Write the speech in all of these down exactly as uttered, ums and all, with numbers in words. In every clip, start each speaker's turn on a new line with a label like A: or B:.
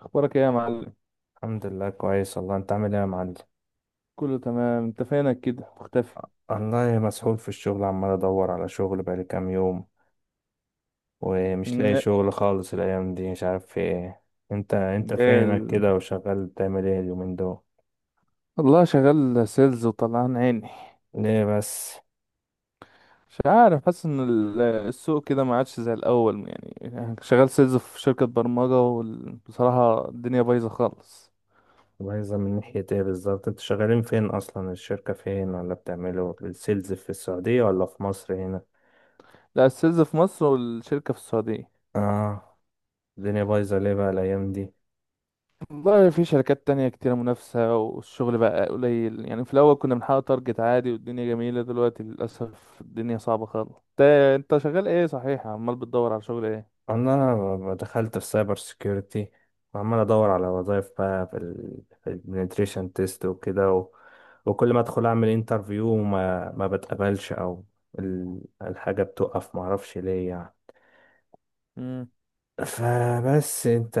A: اخبارك ايه يا معلم؟
B: الحمد لله، كويس والله. انت عامل ايه يا معلم؟
A: كله تمام. انت فينك كده مختفي؟
B: والله مسحول في الشغل، عمال ادور على شغل بقالي كام يوم ومش لاقي
A: لا.
B: شغل خالص الايام دي. مش عارف في ايه. انت انت
A: إيه
B: فينك
A: ال...
B: كده وشغال بتعمل ايه اليومين دول؟
A: والله شغال سيلز وطلعان عيني.
B: ليه بس؟
A: مش عارف، حاسس ان ال- السوق كده ما عادش زي الاول، يعني شغال سيلز في شركة برمجة وبصراحة الدنيا بايظة خالص.
B: مميزة من ناحية ايه بالظبط؟ انتوا شغالين فين اصلا؟ الشركة فين؟ ولا بتعملوا السيلز في السعودية ولا في مصر هنا؟
A: لا، السيلز في مصر والشركة في السعودية.
B: اه. الدنيا بايظة ليه بقى الايام دي؟
A: والله في شركات تانية كتيرة منافسة والشغل بقى قليل، يعني في الأول كنا بنحقق تارجت عادي والدنيا جميلة، دلوقتي للأسف الدنيا صعبة خالص. انت انت شغال ايه صحيح، عمال بتدور على شغل ايه؟
B: انا ب- دخلت في سايبر سيكيورتي، وعمال ادور على وظايف بقى في ال في البنتريشن تيست وكده و... وكل ما ادخل اعمل انترفيو وما ما بتقبلش، او ال- الحاجه بتقف ما اعرفش ليه يعني. فبس انت،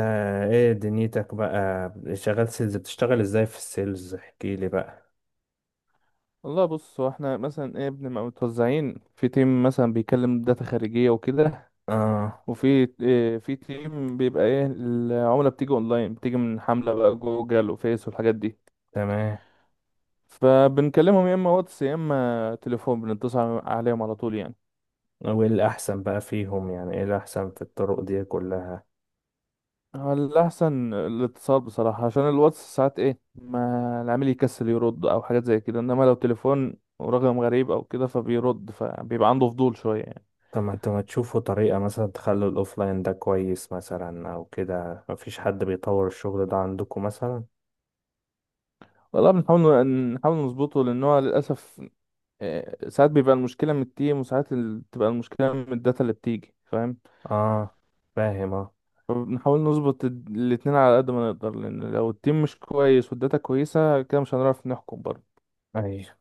B: ايه دنيتك بقى؟ شغال سيلز؟ بتشتغل ازاي في السيلز؟ احكي لي بقى.
A: والله بص، هو احنا مثلا ايه، بنبقى متوزعين في تيم، مثلا بيكلم داتا خارجية وكده،
B: اه.
A: وفي اه في تيم بيبقى ايه العملة، بتيجي اونلاين، بتيجي من حملة بقى جوجل وفيس والحاجات دي.
B: تمام.
A: فبنكلمهم يا اما واتس يا اما تليفون، بنتصل عليهم على طول يعني.
B: وايه الاحسن بقى فيهم؟ يعني ايه الاحسن في الطرق دي كلها؟
A: هو الأحسن الاتصال بصراحة، عشان الواتس ساعات ايه، ما العميل يكسل يرد أو حاجات زي كده، إنما لو تليفون ورقم غريب أو كده فبيرد، فبيبقى عنده فضول شوية يعني.
B: طب ما انتوا ما تشوفوا طريقة مثلا تخلوا الأوفلاين ده كويس مثلا أو كده؟ مفيش حد بيطور الشغل ده عندكم مثلا؟
A: والله بنحاول نحاول نظبطه لأن هو للأسف، آه، ساعات بيبقى المشكلة من التيم وساعات ال- بتبقى المشكلة من الداتا اللي بتيجي، فاهم؟
B: اه، فاهم، اه.
A: فبنحاول نظبط ال- الاتنين على قد ما نقدر، لأن لو التيم مش كويس والداتا كويسة كده مش هنعرف نحكم برضه.
B: أيوة.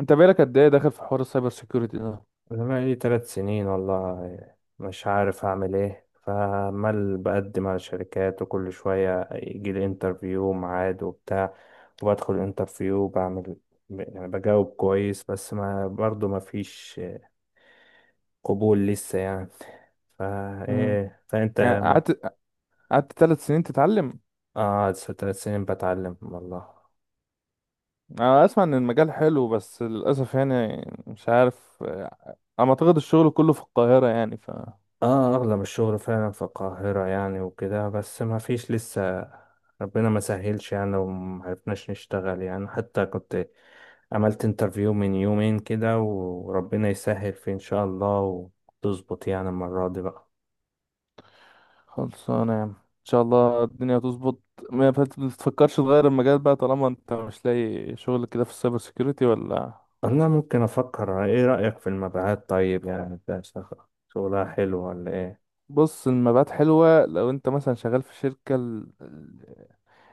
A: انت بقالك قد ايه داخل في حوار السايبر سيكيورتي ده؟
B: أنا بقالي تلات سنين والله مش عارف أعمل إيه، فعمال بقدم على شركات وكل شوية يجيلي انترفيو ميعاد وبتاع، وبدخل الانترفيو بعمل، يعني بجاوب كويس، بس ما برضه مفيش قبول لسه يعني. فا
A: مم.
B: إيه فأنت؟
A: يعني قعدت قعدت ثلاث سنين تتعلم؟
B: قعد ثلاث سنين بتعلم والله.
A: انا اسمع ان المجال حلو بس للاسف، يعني مش عارف آه، انا اعتقد الشغل كله في القاهرة يعني.
B: اه، اغلب الشغل فعلا في القاهرة يعني وكده، بس ما فيش لسه. ربنا ما سهلش يعني ومعرفناش نشتغل يعني. حتى كنت عملت انترفيو من يومين كده، وربنا يسهل فيه ان شاء الله وتظبط يعني المرة دي بقى.
A: خلصانة يا عم، ان شاء الله الدنيا هتظبط. ما فت- ما تفكرش تغير المجال بقى طالما انت مش لاقي شغل كده في السايبر سيكيورتي ولا؟
B: انا ممكن افكر. ايه رأيك في المبيعات طيب؟ يعني ده شغ- شغلها حلو ولا ايه؟
A: بص، المبيعات حلوة لو انت مثلا شغال في شركة، ال- ال-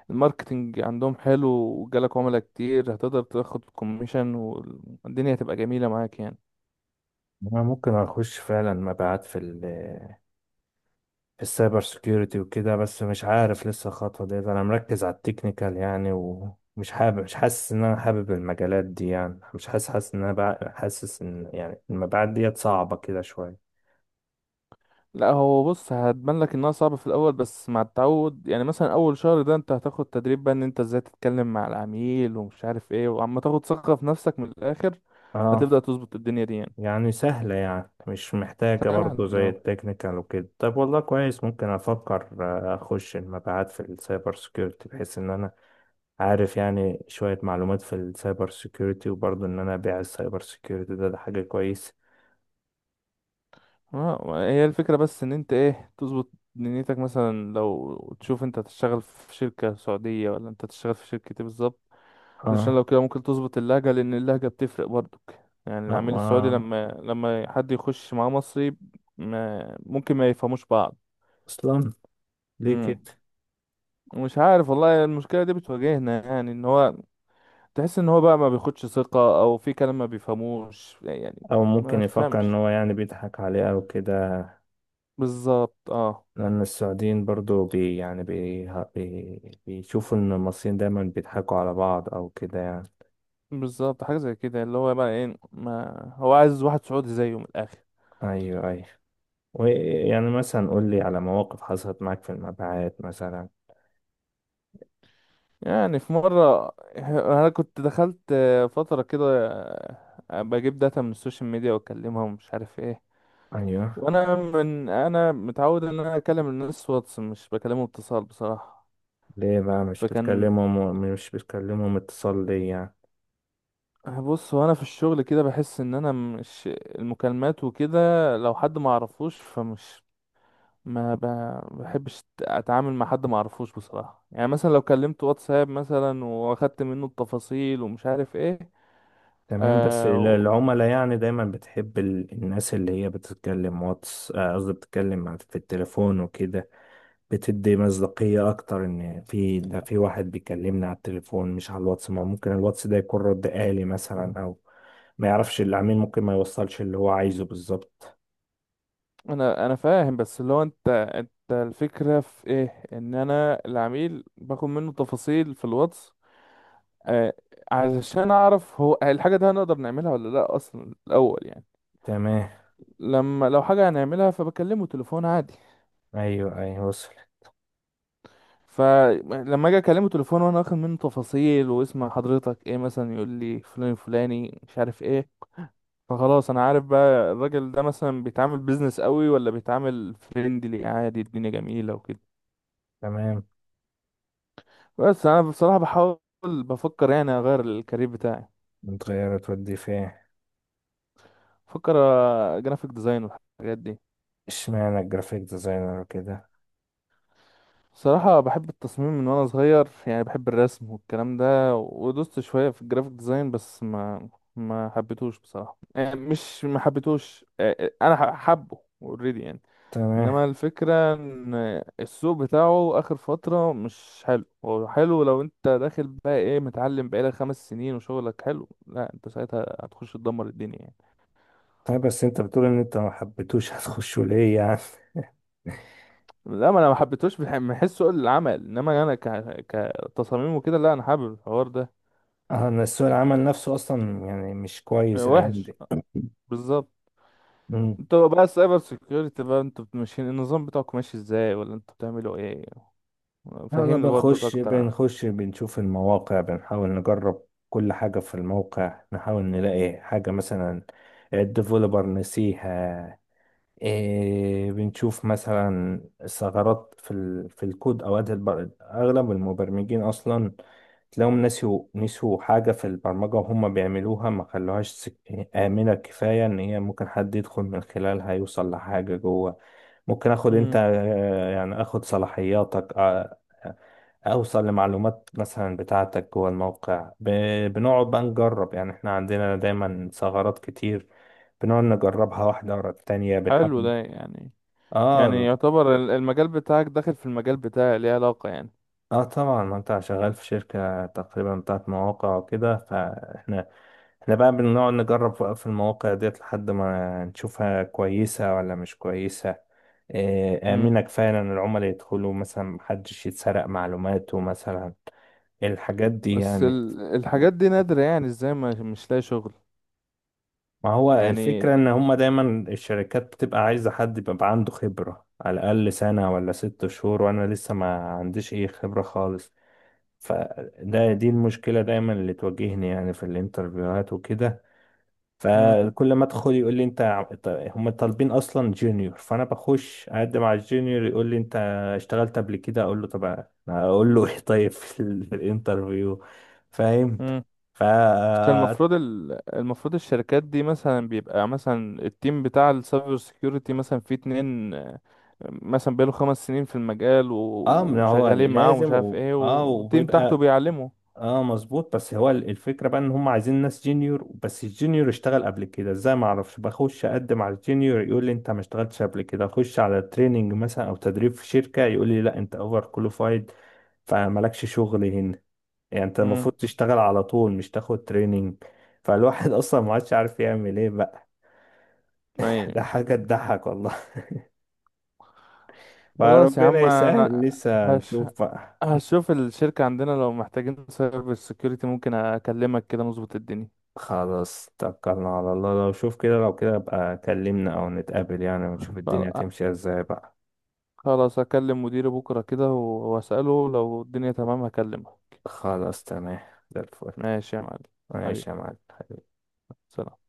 A: الماركتينج عندهم حلو وجالك عملاء كتير، هتقدر تاخد كوميشن والدنيا هتبقى جميلة معاك يعني.
B: انا ممكن اخش فعلا مبيعات في السايبر سيكيورتي وكده، بس مش عارف لسه الخطوة ديت. انا مركز على التكنيكال يعني، ومش حابب مش حاسس ان انا حابب المجالات دي يعني. مش حاسس حاسس ان انا بع- حاسس ان يعني المبيعات ديت صعبة كده شوية.
A: لا، هو بص، هتبان لك انها صعبة في الاول بس مع التعود، يعني مثلا اول شهر ده انت هتاخد تدريب بقى، ان انت ازاي تتكلم مع العميل ومش عارف ايه، وعم تاخد ثقة في نفسك من الاخر. هتبدأ
B: اه.
A: تظبط الدنيا دي يعني.
B: يعني سهلة يعني؟ مش محتاجة
A: طبعا،
B: برضو زي
A: اه.
B: التكنيكال وكده؟ طب والله كويس، ممكن افكر. آه، اخش المبيعات في السايبر سيكيورتي بحيث ان انا عارف يعني شوية معلومات في السايبر سيكيورتي، وبرضو ان انا ابيع السايبر سيكيورتي ده, ده حاجة كويسة.
A: آه، هي الفكرة بس ان انت ايه، تظبط دنيتك، مثلا لو تشوف انت هتشتغل في شركة سعودية ولا انت هتشتغل في شركة ايه بالظبط؟ علشان
B: اه.
A: لو كده ممكن تظبط اللهجة، لان اللهجة بتفرق برضك، يعني العميل السعودي
B: آه،
A: لما لما حد يخش معاه مصري ما ممكن ما يفهموش بعض.
B: اصلا ليه
A: امم
B: كده؟
A: مش عارف والله، المشكلة دي بتواجهنا يعني، ان هو تحس ان هو بقى ما بياخدش ثقة، او في كلام ما بيفهموش يعني.
B: او
A: ما
B: ممكن يفكر ان
A: تفهمش.
B: هو يعني بيضحك عليه او كده.
A: بالظبط، اه.
B: لان السعوديين برضو بي يعني بي بي بيشوفوا ان المصريين دايما بيضحكوا على بعض او كده يعني.
A: بالظبط، حاجة زي كده، اللي هو بقى ايه ما، هو عايز واحد سعودي زيه من الآخر.
B: ايوه، ايوه. ويعني مثلا قول لي على مواقف حصلت معاك في المبيعات مثلا.
A: يعني في مرة أنا كنت دخلت فترة كده بجيب داتا من السوشيال ميديا وأكلمها ومش عارف ايه.
B: ايوه.
A: وأنا من أنا متعود إن أنا أكلم الناس واتس، مش بكلمه اتصال بصراحة.
B: ليه بقى مش
A: فكان،
B: بتكلمهم مش بتكلمهم اتصال ليه يعني؟
A: بص، وأنا في الشغل كده بحس إن أنا مش المكالمات وكده. لو حد ما أعرفوش فمش، ما ب- بحبش اتعامل مع حد ما اعرفوش بصراحه، يعني مثلا لو كلمت واتساب مثلا واخدت منه التفاصيل ومش عارف ايه.
B: تمام. بس
A: آه
B: ال-
A: و-
B: العملاء يعني دايما بتحب ال- الناس اللي هي بتتكلم واتس، آه، قصدي بتتكلم مع- في التليفون وكده. بتدي مصداقية أكتر إن في ده في واحد بيكلمني على التليفون مش على الواتس. ما ممكن الواتس ده يكون رد آلي مثلا أو ما يعرفش العميل، ممكن ما يوصلش اللي هو عايزه بالظبط.
A: انا انا فاهم، بس اللي هو انت انت الفكره في ايه، ان انا العميل باخد منه تفاصيل في الواتس. آه، علشان اعرف هو الحاجه دي هنقدر نعملها ولا لا اصلا الاول يعني.
B: تمام.
A: لما لو حاجه هنعملها فبكلمه تليفون عادي.
B: أيوه، أيوه، وصل.
A: فلما اجي اكلمه تليفون وانا واخد منه تفاصيل واسم حضرتك ايه مثلا، يقول لي فلان فلاني مش عارف ايه. فخلاص انا عارف بقى الراجل ده مثلا بيتعامل بيزنس قوي ولا بيتعامل فريندلي عادي، الدنيا جميلة وكده.
B: تمام.
A: بس انا بصراحة بحاول، بفكر يعني اغير الكارير بتاعي.
B: متغيرة تودي فين؟
A: بفكر جرافيك ديزاين والحاجات دي.
B: اشمعنى الجرافيك ديزاينر كده؟
A: صراحة بحب التصميم من وأنا صغير، يعني بحب الرسم والكلام ده، ودوست شوية في الجرافيك ديزاين بس ما ما حبيتهوش بصراحة. يعني مش ما حبيتهوش، آه، آه، أنا ح- حبه اوريدي يعني.
B: تمام.
A: إنما الفكرة إن السوق بتاعه آخر فترة مش حلو، هو حلو لو أنت داخل بقى إيه، متعلم بقالك خمس سنين وشغلك حلو، لا أنت ساعتها هتخش تدمر الدنيا يعني.
B: طيب بس أنت بتقول إن أنت ما حبيتوش هتخشه ليه يعني؟
A: لا، ما أنا ما حبيتهوش بح- من حيث سوق العمل، إنما أنا ك... كتصاميم وكده لا أنا حابب الحوار ده.
B: أه، إن سوق العمل نفسه أصلا يعني مش
A: آه،
B: كويس الأيام
A: وحش بالظبط.
B: دي.
A: انتوا بقى السايبر سيكيورتي بقى، انتوا ماشيين النظام بتاعكم ماشي ازاي، ولا انتوا بتعملوا ايه؟
B: انا
A: فهمني برضك
B: بنخش
A: اكتر عن.
B: بنخش بنشوف المواقع، بنحاول نجرب كل حاجة في الموقع، نحاول نلاقي حاجة مثلا الديفلوبر نسيها. إيه، بنشوف مثلا ثغرات في ال... في الكود. اوقات البر... اغلب المبرمجين اصلا تلاقيهم نسيوا نسيوا حاجة في البرمجة وهم بيعملوها، ما خلوهاش سك... آمنة كفاية. ان هي ممكن حد يدخل من خلالها يوصل لحاجة جوه. ممكن اخد انت،
A: امم
B: آه، يعني اخد صلاحياتك، آه، اوصل لمعلومات مثلا بتاعتك جوه الموقع ب... بنقعد بقى نجرب يعني. احنا عندنا دايما ثغرات كتير بنقعد نجربها واحدة ورا التانية،
A: حلو
B: بنحب.
A: ده يعني، يعني
B: اه.
A: يعتبر ال- المجال بتاعك داخل في المجال بتاعي، ليه علاقة يعني.
B: اه، طبعا، ما انت شغال في شركة تقريبا بتاعت مواقع وكده، فاحنا احنا بقى بنقعد نجرب في المواقع ديت لحد ما نشوفها كويسة ولا مش كويسة. آه،
A: امم
B: آمنة كفاية إن العملاء يدخلوا مثلا محدش يتسرق معلوماته مثلا. الحاجات دي
A: بس
B: يعني.
A: ال... الحاجات دي نادرة يعني، ازاي ما مش لاقي شغل
B: ما هو
A: يعني.
B: الفكرة إن هما دايما الشركات بتبقى عايزة حد يبقى عنده خبرة على الأقل سنة ولا ست شهور، وأنا لسه ما عنديش أي خبرة خالص. فده دي المشكلة دايما اللي تواجهني يعني في الانترفيوهات وكده. فكل ما أدخل يقول لي أنت، ع- ط- هما طالبين أصلا جونيور. فأنا بخش أقدم على الجونيور يقول لي أنت اشتغلت قبل كده؟ أقول له طب أنا أقول له إيه طيب في ال- في الانترفيو؟ فاهم؟
A: امم
B: ف،
A: بس المفروض، ال... المفروض الشركات دي مثلا بيبقى، مثلا التيم بتاع السايبر سيكيورتي مثلا فيه اتنين، آه، مثلا بقاله خمس سنين في المجال و...
B: اه، ما هو
A: وشغالين معاه ومش
B: لازم
A: عارف
B: و...
A: ايه،
B: اه
A: والتيم تحته
B: وبيبقى،
A: بيعلمه.
B: اه، مظبوط. بس هو ال- الفكرة بقى ان هم عايزين ناس جينيور، بس الجينيور اشتغل قبل كده ازاي ما اعرفش. بخش اقدم على الجينيور يقول لي انت ما اشتغلتش قبل كده. اخش على تريننج مثلا او تدريب في شركة يقول لي لا، انت اوفر كواليفايد فمالكش شغل هنا. يعني انت
A: امم.
B: المفروض تشتغل على طول مش تاخد تريننج. فالواحد اصلا ما عادش عارف يعمل ايه بقى.
A: اي.
B: ده حاجة تضحك والله.
A: خلاص يا
B: فربنا
A: عم،
B: يسهل،
A: انا
B: لسه
A: هش...
B: هنشوف بقى.
A: هشوف الشركة عندنا لو محتاجين سايبر سيكيورتي ممكن اكلمك كده نظبط الدنيا.
B: خلاص، توكلنا على الله. لو شوف كده، لو كده بقى كلمنا او نتقابل يعني ونشوف الدنيا
A: خل-
B: هتمشي ازاي بقى.
A: خلاص هكلم مديري بكرة كده و- واسأله لو الدنيا تمام هكلمه.
B: خلاص، تمام. زي الفل.
A: ماشي يا معلم. حبيبي،
B: ماشي يا معلم.
A: سلام.